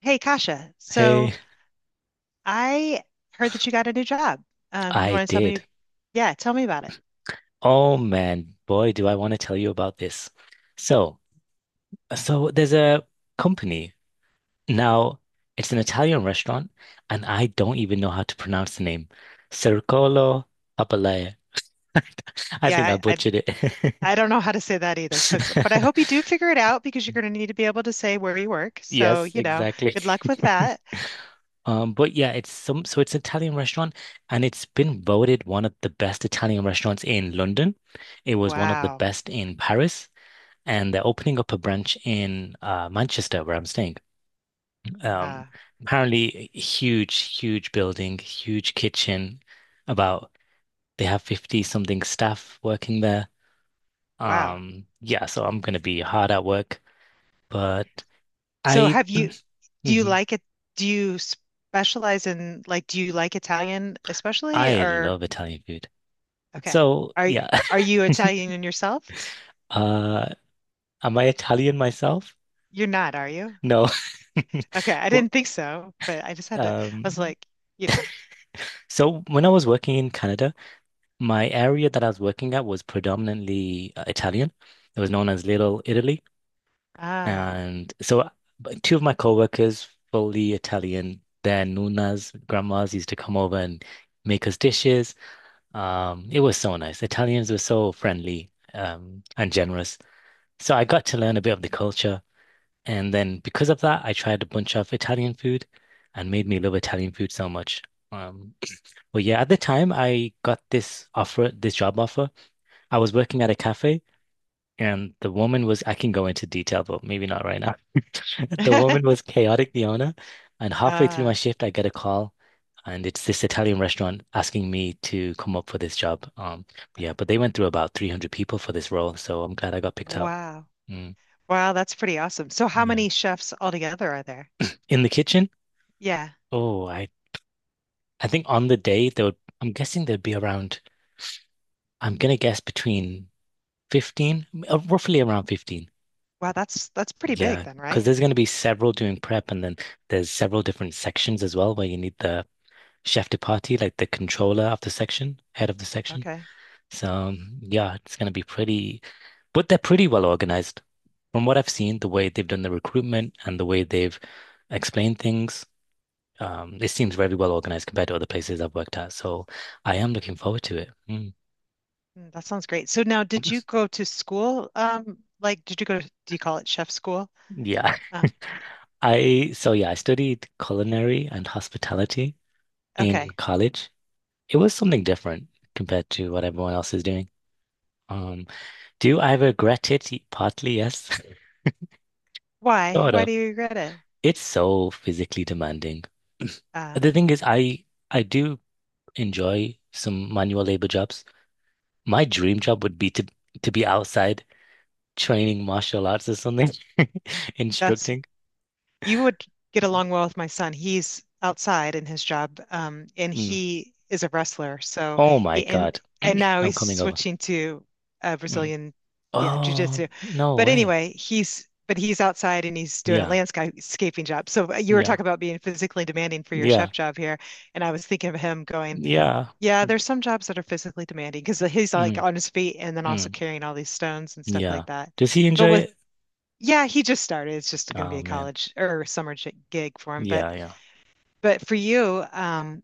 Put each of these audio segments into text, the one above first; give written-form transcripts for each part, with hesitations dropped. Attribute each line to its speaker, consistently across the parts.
Speaker 1: Hey, Kasha. So
Speaker 2: Hey,
Speaker 1: I heard that you got a new job. You
Speaker 2: I
Speaker 1: want to tell me?
Speaker 2: did.
Speaker 1: Yeah, tell me about it.
Speaker 2: Oh man, boy, do I want to tell you about this. So, so there's a company. Now, it's an Italian restaurant, and I don't even know how to pronounce the name. Circolo Papalea. I think I
Speaker 1: Yeah, I
Speaker 2: butchered it.
Speaker 1: I don't know how to say that either. So, but I hope you do figure it out because you're going to need to be able to say where you work. So,
Speaker 2: Yes,
Speaker 1: you know,
Speaker 2: exactly.
Speaker 1: good luck with that.
Speaker 2: But yeah, it's some so it's an Italian restaurant, and it's been voted one of the best Italian restaurants in London. It was one of the
Speaker 1: Wow.
Speaker 2: best in Paris, and they're opening up a branch in Manchester, where I'm staying. Um,
Speaker 1: Uh,
Speaker 2: apparently, huge, huge building, huge kitchen. About They have 50 something staff working there.
Speaker 1: wow.
Speaker 2: Yeah, so I'm gonna be hard at work, but
Speaker 1: So,
Speaker 2: I
Speaker 1: have you? Do you
Speaker 2: Mhm.
Speaker 1: like it? Do you specialize in like? Do you like Italian especially?
Speaker 2: I
Speaker 1: Or
Speaker 2: love Italian food.
Speaker 1: okay,
Speaker 2: So
Speaker 1: are y-
Speaker 2: yeah,
Speaker 1: are you Italian in yourself?
Speaker 2: uh, am I Italian myself?
Speaker 1: You're not, are you?
Speaker 2: No,
Speaker 1: Okay, I
Speaker 2: but
Speaker 1: didn't think so, but I just had to. I was
Speaker 2: um,
Speaker 1: like, you know,
Speaker 2: so when I was working in Canada. My area that I was working at was predominantly Italian. It was known as Little Italy.
Speaker 1: ah,
Speaker 2: And so but two of my coworkers, fully Italian, their nunas, grandmas used to come over and make us dishes. It was so nice. Italians were so friendly, and generous. So I got to learn a bit of the culture. And then because of that, I tried a bunch of Italian food and made me love Italian food so much. Um, but yeah, at the time I got this offer, this job offer. I was working at a cafe and the woman was, I can go into detail, but maybe not right now. The woman was chaotic, the owner. And halfway through my
Speaker 1: ah,
Speaker 2: shift, I get a call and it's this Italian restaurant asking me to come up for this job. Yeah, but they went through about 300 people for this role. So I'm glad I got picked out.
Speaker 1: wow,
Speaker 2: Mm,
Speaker 1: wow, that's pretty awesome. So, how many
Speaker 2: yeah.
Speaker 1: chefs altogether are there?
Speaker 2: In the kitchen,
Speaker 1: Yeah,
Speaker 2: oh, I, I think on the day there would, I'm guessing there'd be around, I'm gonna guess between 15, roughly around 15.
Speaker 1: wow, that's pretty big
Speaker 2: Yeah,
Speaker 1: then,
Speaker 2: because
Speaker 1: right?
Speaker 2: there's going to be several doing prep, and then there's several different sections as well where you need the chef de partie, like the controller of the section, head of the section.
Speaker 1: Okay.
Speaker 2: So yeah, it's going to be pretty, but they're pretty well organized. From what I've seen, the way they've done the recruitment and the way they've explained things, it seems very well organized compared to other places I've worked at. So I am looking forward to it. Mm.
Speaker 1: Mm, that sounds great. So now, did you go to school? Like, did you go to, do you call it chef school?
Speaker 2: Yeah.
Speaker 1: Uh,
Speaker 2: I so yeah, I studied culinary and hospitality in
Speaker 1: okay,
Speaker 2: college. It was something different compared to what everyone else is doing. Um, do I regret it? Partly, yes,
Speaker 1: why?
Speaker 2: sort
Speaker 1: Why
Speaker 2: of.
Speaker 1: do you regret it?
Speaker 2: It's so physically demanding.
Speaker 1: Uh,
Speaker 2: The thing is, I do enjoy some manual labor jobs. My dream job would be to be outside training martial arts or something,
Speaker 1: that's
Speaker 2: instructing.
Speaker 1: you would get along well with my son. He's outside in his job, and
Speaker 2: Mm.
Speaker 1: he is a wrestler. So
Speaker 2: Oh my
Speaker 1: he
Speaker 2: God,
Speaker 1: and now
Speaker 2: I'm
Speaker 1: he's
Speaker 2: coming over.
Speaker 1: switching to
Speaker 2: Mm.
Speaker 1: Brazilian, yeah,
Speaker 2: Oh,
Speaker 1: jiu-jitsu.
Speaker 2: no
Speaker 1: But
Speaker 2: way.
Speaker 1: anyway, he's outside and he's doing a
Speaker 2: Yeah,
Speaker 1: landscaping job. So you were
Speaker 2: yeah,
Speaker 1: talking about being physically demanding for your
Speaker 2: yeah,
Speaker 1: chef job here, and I was thinking of him going,
Speaker 2: yeah.
Speaker 1: yeah,
Speaker 2: Mm,
Speaker 1: there's some jobs that are physically demanding because he's like
Speaker 2: mm,
Speaker 1: on his feet and then also
Speaker 2: mm.
Speaker 1: carrying all these stones and stuff
Speaker 2: Yeah.
Speaker 1: like that.
Speaker 2: Does he
Speaker 1: But
Speaker 2: enjoy
Speaker 1: with
Speaker 2: it?
Speaker 1: yeah, he just started. It's just going to be
Speaker 2: Oh
Speaker 1: a
Speaker 2: man.
Speaker 1: college or gig for him.
Speaker 2: Yeah, yeah.
Speaker 1: But for you,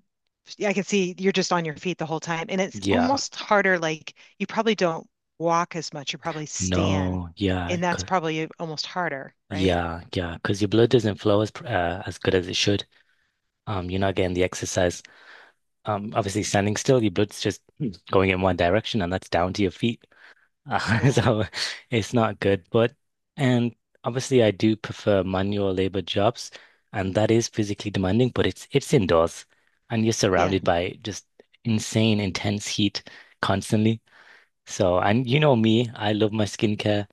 Speaker 1: yeah, I can see you're just on your feet the whole time, and it's
Speaker 2: Yeah.
Speaker 1: almost harder. Like you probably don't walk as much. You probably stand,
Speaker 2: No. Yeah.
Speaker 1: and that's probably almost harder, right?
Speaker 2: Yeah, yeah. Because your blood doesn't flow as as good as it should. You're not getting the exercise. Obviously standing still, your blood's just going in one direction, and that's down to your feet.
Speaker 1: Yeah,
Speaker 2: So it's not good. But and Obviously, I do prefer manual labor jobs, and that is physically demanding. But it's indoors, and you're
Speaker 1: yeah,
Speaker 2: surrounded by just insane, intense heat constantly. So, and you know me, I love my skincare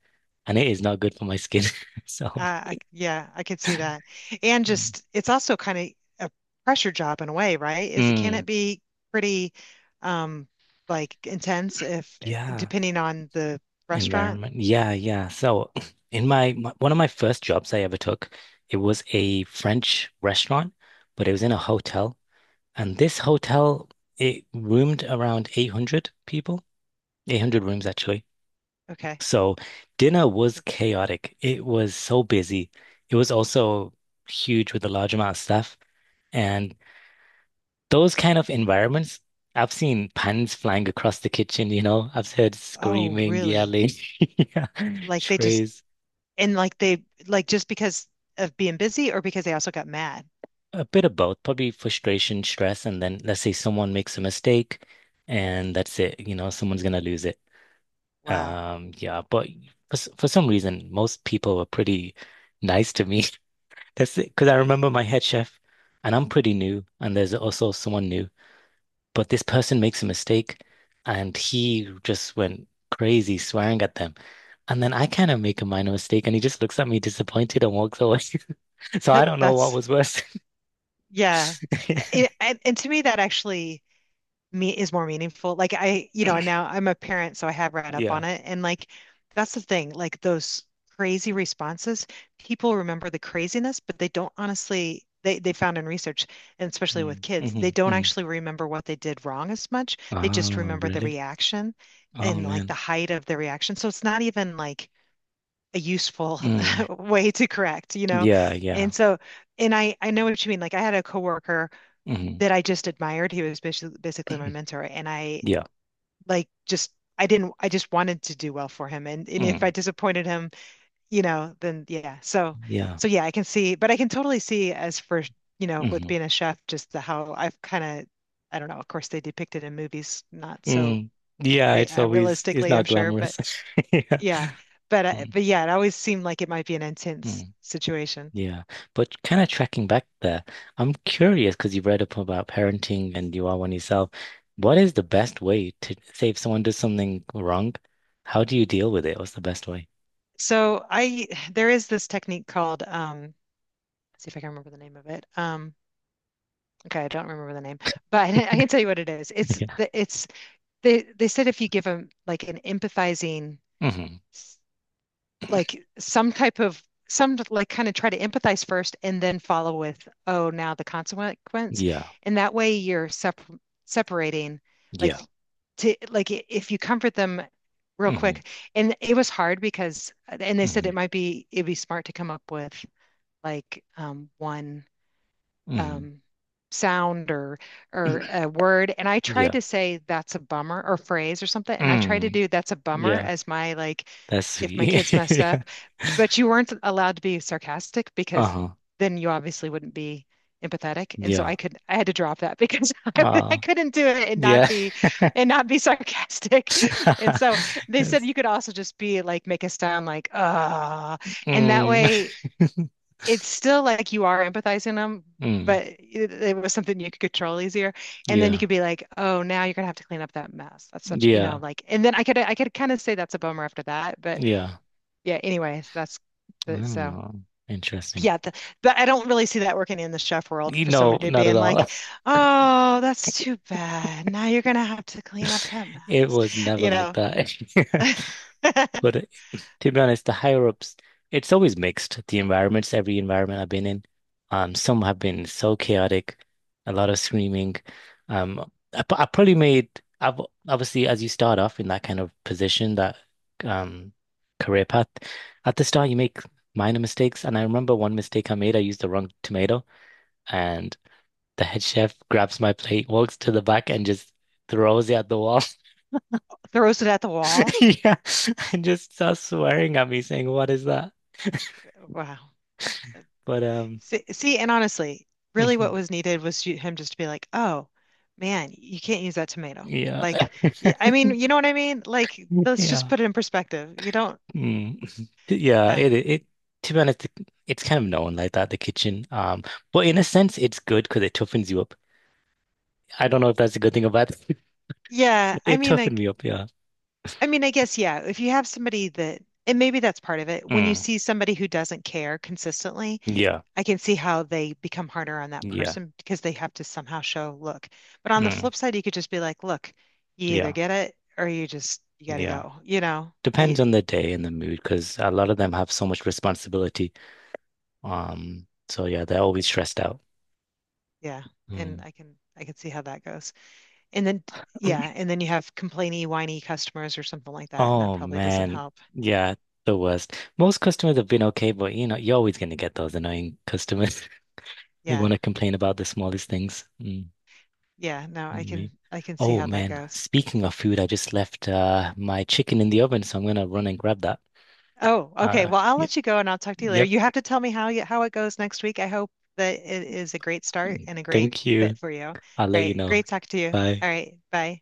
Speaker 2: and it is not good for my skin. So,
Speaker 1: uh, I yeah, I could see that. And
Speaker 2: mm.
Speaker 1: just it's also kind of a pressure job in a way, right? Is it can
Speaker 2: Mm,
Speaker 1: it be pretty, um, like intense if
Speaker 2: yeah,
Speaker 1: depending on the restaurant?
Speaker 2: environment. Yeah, yeah. So, in my, my one of my first jobs I ever took, it was a French restaurant, but it was in a hotel. And this hotel, it roomed around 800 people, 800 rooms actually.
Speaker 1: Okay.
Speaker 2: So, dinner was
Speaker 1: So
Speaker 2: chaotic. It was so busy. It was also huge with a large amount of staff. And those kind of environments, I've seen pans flying across the kitchen, you know, I've heard
Speaker 1: oh,
Speaker 2: screaming,
Speaker 1: really?
Speaker 2: yelling, yeah,
Speaker 1: Like they just
Speaker 2: trays,
Speaker 1: and like they like just because of being busy or because they also got mad.
Speaker 2: a bit of both, probably frustration, stress, and then let's say someone makes a mistake and that's it, you know, someone's gonna lose it.
Speaker 1: Wow.
Speaker 2: Yeah, but for some reason, most people were pretty nice to me. That's it, because I remember my head chef and I'm pretty new and there's also someone new. But this person makes a mistake and he just went crazy swearing at them. And then I kind of make a minor mistake and he just looks at me disappointed and walks away. So I don't know what
Speaker 1: That's
Speaker 2: was worse.
Speaker 1: yeah. And to me that actually me is more meaningful. Like I, you know, and now I'm a parent, so I have read up
Speaker 2: Yeah.
Speaker 1: on it. And like that's the thing, like those crazy responses, people remember the craziness, but they don't honestly they found in research, and especially with
Speaker 2: Mm,
Speaker 1: kids, they
Speaker 2: mhm,
Speaker 1: don't
Speaker 2: mhm.
Speaker 1: actually remember what they did wrong as much. They just
Speaker 2: Oh,
Speaker 1: remember the
Speaker 2: really?
Speaker 1: reaction
Speaker 2: Oh,
Speaker 1: and like the
Speaker 2: man.
Speaker 1: height of the reaction. So it's not even like a useful
Speaker 2: Mm,
Speaker 1: way to correct, you know?
Speaker 2: yeah, yeah.
Speaker 1: And so, and I know what you mean. Like I had a coworker
Speaker 2: Mhm,
Speaker 1: that I just admired. He was basically my mentor, and I
Speaker 2: yeah.
Speaker 1: like just I didn't I just wanted to do well for him, and if
Speaker 2: Mm,
Speaker 1: I disappointed him, you know, then yeah. So
Speaker 2: yeah.
Speaker 1: so yeah, I can see, but I can totally see as for you know with
Speaker 2: Mhm,
Speaker 1: being a chef, just the how I've kind of I don't know. Of course, they depict it in movies, not so
Speaker 2: mm. Yeah,
Speaker 1: re
Speaker 2: it's always, it's
Speaker 1: realistically, I'm
Speaker 2: not
Speaker 1: sure,
Speaker 2: glamorous. Yeah.
Speaker 1: yeah,
Speaker 2: Mm,
Speaker 1: but yeah, it always seemed like it might be an intense
Speaker 2: mm.
Speaker 1: situation.
Speaker 2: Yeah, but kind of tracking back there, I'm curious because you read up about parenting and you are one yourself. What is the best way to say if someone does something wrong? How do you deal with it? What's the best way?
Speaker 1: So I there is this technique called let's see if I can remember the name of it. Okay, I don't remember the name, but I can tell you what it is.
Speaker 2: Yeah.
Speaker 1: It's they said if you give them like an empathizing
Speaker 2: Hmm.
Speaker 1: s- like some type of like kind of try to empathize first and then follow with oh now the consequence
Speaker 2: Yeah.
Speaker 1: and that way you're separating like
Speaker 2: Yeah.
Speaker 1: to like if you comfort them real
Speaker 2: Hmm.
Speaker 1: quick and it was hard because and they said
Speaker 2: Hmm.
Speaker 1: it'd be smart to come up with like one
Speaker 2: Hmm.
Speaker 1: um, sound or a word and I tried
Speaker 2: Yeah.
Speaker 1: to say that's a bummer or phrase or something and I tried to
Speaker 2: Mm.
Speaker 1: do that's a bummer
Speaker 2: Yeah.
Speaker 1: as my like
Speaker 2: That's
Speaker 1: if my
Speaker 2: sweet.
Speaker 1: kids messed
Speaker 2: Yeah.
Speaker 1: up but you weren't allowed to be sarcastic because
Speaker 2: Uh-huh.
Speaker 1: then you obviously wouldn't be empathetic and so
Speaker 2: Yeah.
Speaker 1: I had to drop that because I, I
Speaker 2: Uh,
Speaker 1: couldn't do it
Speaker 2: yeah.
Speaker 1: and not be sarcastic and so they said
Speaker 2: Yes.
Speaker 1: you could also just be like make a sound like ah and that
Speaker 2: Mm.
Speaker 1: way it's still like you are empathizing them,
Speaker 2: Mm.
Speaker 1: but it was something you could control easier. And then you
Speaker 2: Yeah.
Speaker 1: could be like, oh, now you're gonna have to clean up that mess. That's such, you know,
Speaker 2: Yeah.
Speaker 1: like, and then I could kind of say that's a bummer after that, but
Speaker 2: Yeah.
Speaker 1: yeah. Anyways, that's the, so.
Speaker 2: Oh, interesting.
Speaker 1: Yeah, the, but I don't really see that working in the chef world
Speaker 2: You
Speaker 1: for
Speaker 2: know,
Speaker 1: somebody to be
Speaker 2: not at
Speaker 1: in
Speaker 2: all.
Speaker 1: like, oh, that's too bad. Now you're gonna have to clean up that
Speaker 2: It was
Speaker 1: mess,
Speaker 2: never
Speaker 1: you
Speaker 2: like
Speaker 1: know,
Speaker 2: that. But to be honest, the higher ups, it's always mixed. The environments, every environment I've been in, some have been so chaotic, a lot of screaming. I probably made, I've obviously as you start off in that kind of position, that um career path, at the start you make minor mistakes. And I remember one mistake I made, I used the wrong tomato, and the head chef grabs my plate, walks to the back, and just throws it at the wall.
Speaker 1: throws it at the wall.
Speaker 2: Yeah, and just starts swearing at me, saying, "What is that?"
Speaker 1: Wow.
Speaker 2: But
Speaker 1: See, see, and honestly, really what
Speaker 2: mhm,
Speaker 1: was needed was you, him just to be like, oh, man, you can't use that tomato.
Speaker 2: yeah,
Speaker 1: Like, yeah, I mean, you know what I mean? Like, let's just
Speaker 2: yeah,
Speaker 1: put it in perspective. You don't,
Speaker 2: mm. Yeah.
Speaker 1: uh,
Speaker 2: It To be honest, it's kind of known like that the kitchen. But in a sense, it's good because it toughens you up. I don't know if that's a good thing or bad thing.
Speaker 1: yeah, I
Speaker 2: It
Speaker 1: mean,
Speaker 2: toughened
Speaker 1: like,
Speaker 2: me up. Yeah.
Speaker 1: I mean, I guess, yeah, if you have somebody that, and maybe that's part of it, when you
Speaker 2: Mm.
Speaker 1: see somebody who doesn't care consistently,
Speaker 2: Yeah.
Speaker 1: I can see how they become harder on that
Speaker 2: Yeah.
Speaker 1: person because they have to somehow show, look. But on the
Speaker 2: Mm.
Speaker 1: flip side, you could just be like, look, you either
Speaker 2: Yeah.
Speaker 1: get it or you just, you gotta
Speaker 2: Yeah.
Speaker 1: go, you know?
Speaker 2: Depends on the day and the mood because a lot of them have so much responsibility. So yeah, they're always stressed out.
Speaker 1: Yeah,
Speaker 2: Mm.
Speaker 1: and I can see how that goes. And then yeah, and then you have complainy, whiny customers or something like that, and that
Speaker 2: Oh
Speaker 1: probably doesn't
Speaker 2: man,
Speaker 1: help.
Speaker 2: yeah, the worst. Most customers have been okay, but you know, you're always gonna get those annoying customers who
Speaker 1: Yeah.
Speaker 2: want to complain about the smallest things. Mm.
Speaker 1: Yeah, no,
Speaker 2: Anyway.
Speaker 1: I can see
Speaker 2: Oh
Speaker 1: how that
Speaker 2: man,
Speaker 1: goes.
Speaker 2: speaking of food, I just left my chicken in the oven, so I'm gonna run and grab that.
Speaker 1: Oh, okay. Well, I'll
Speaker 2: Yep,
Speaker 1: let you go and I'll talk to you later.
Speaker 2: yep.
Speaker 1: You have to tell me how it goes next week. I hope that it is a great start and a great
Speaker 2: Thank you.
Speaker 1: fit for you. All
Speaker 2: I'll let you
Speaker 1: right.
Speaker 2: know.
Speaker 1: Great talk to you.
Speaker 2: Bye.
Speaker 1: All right. Bye.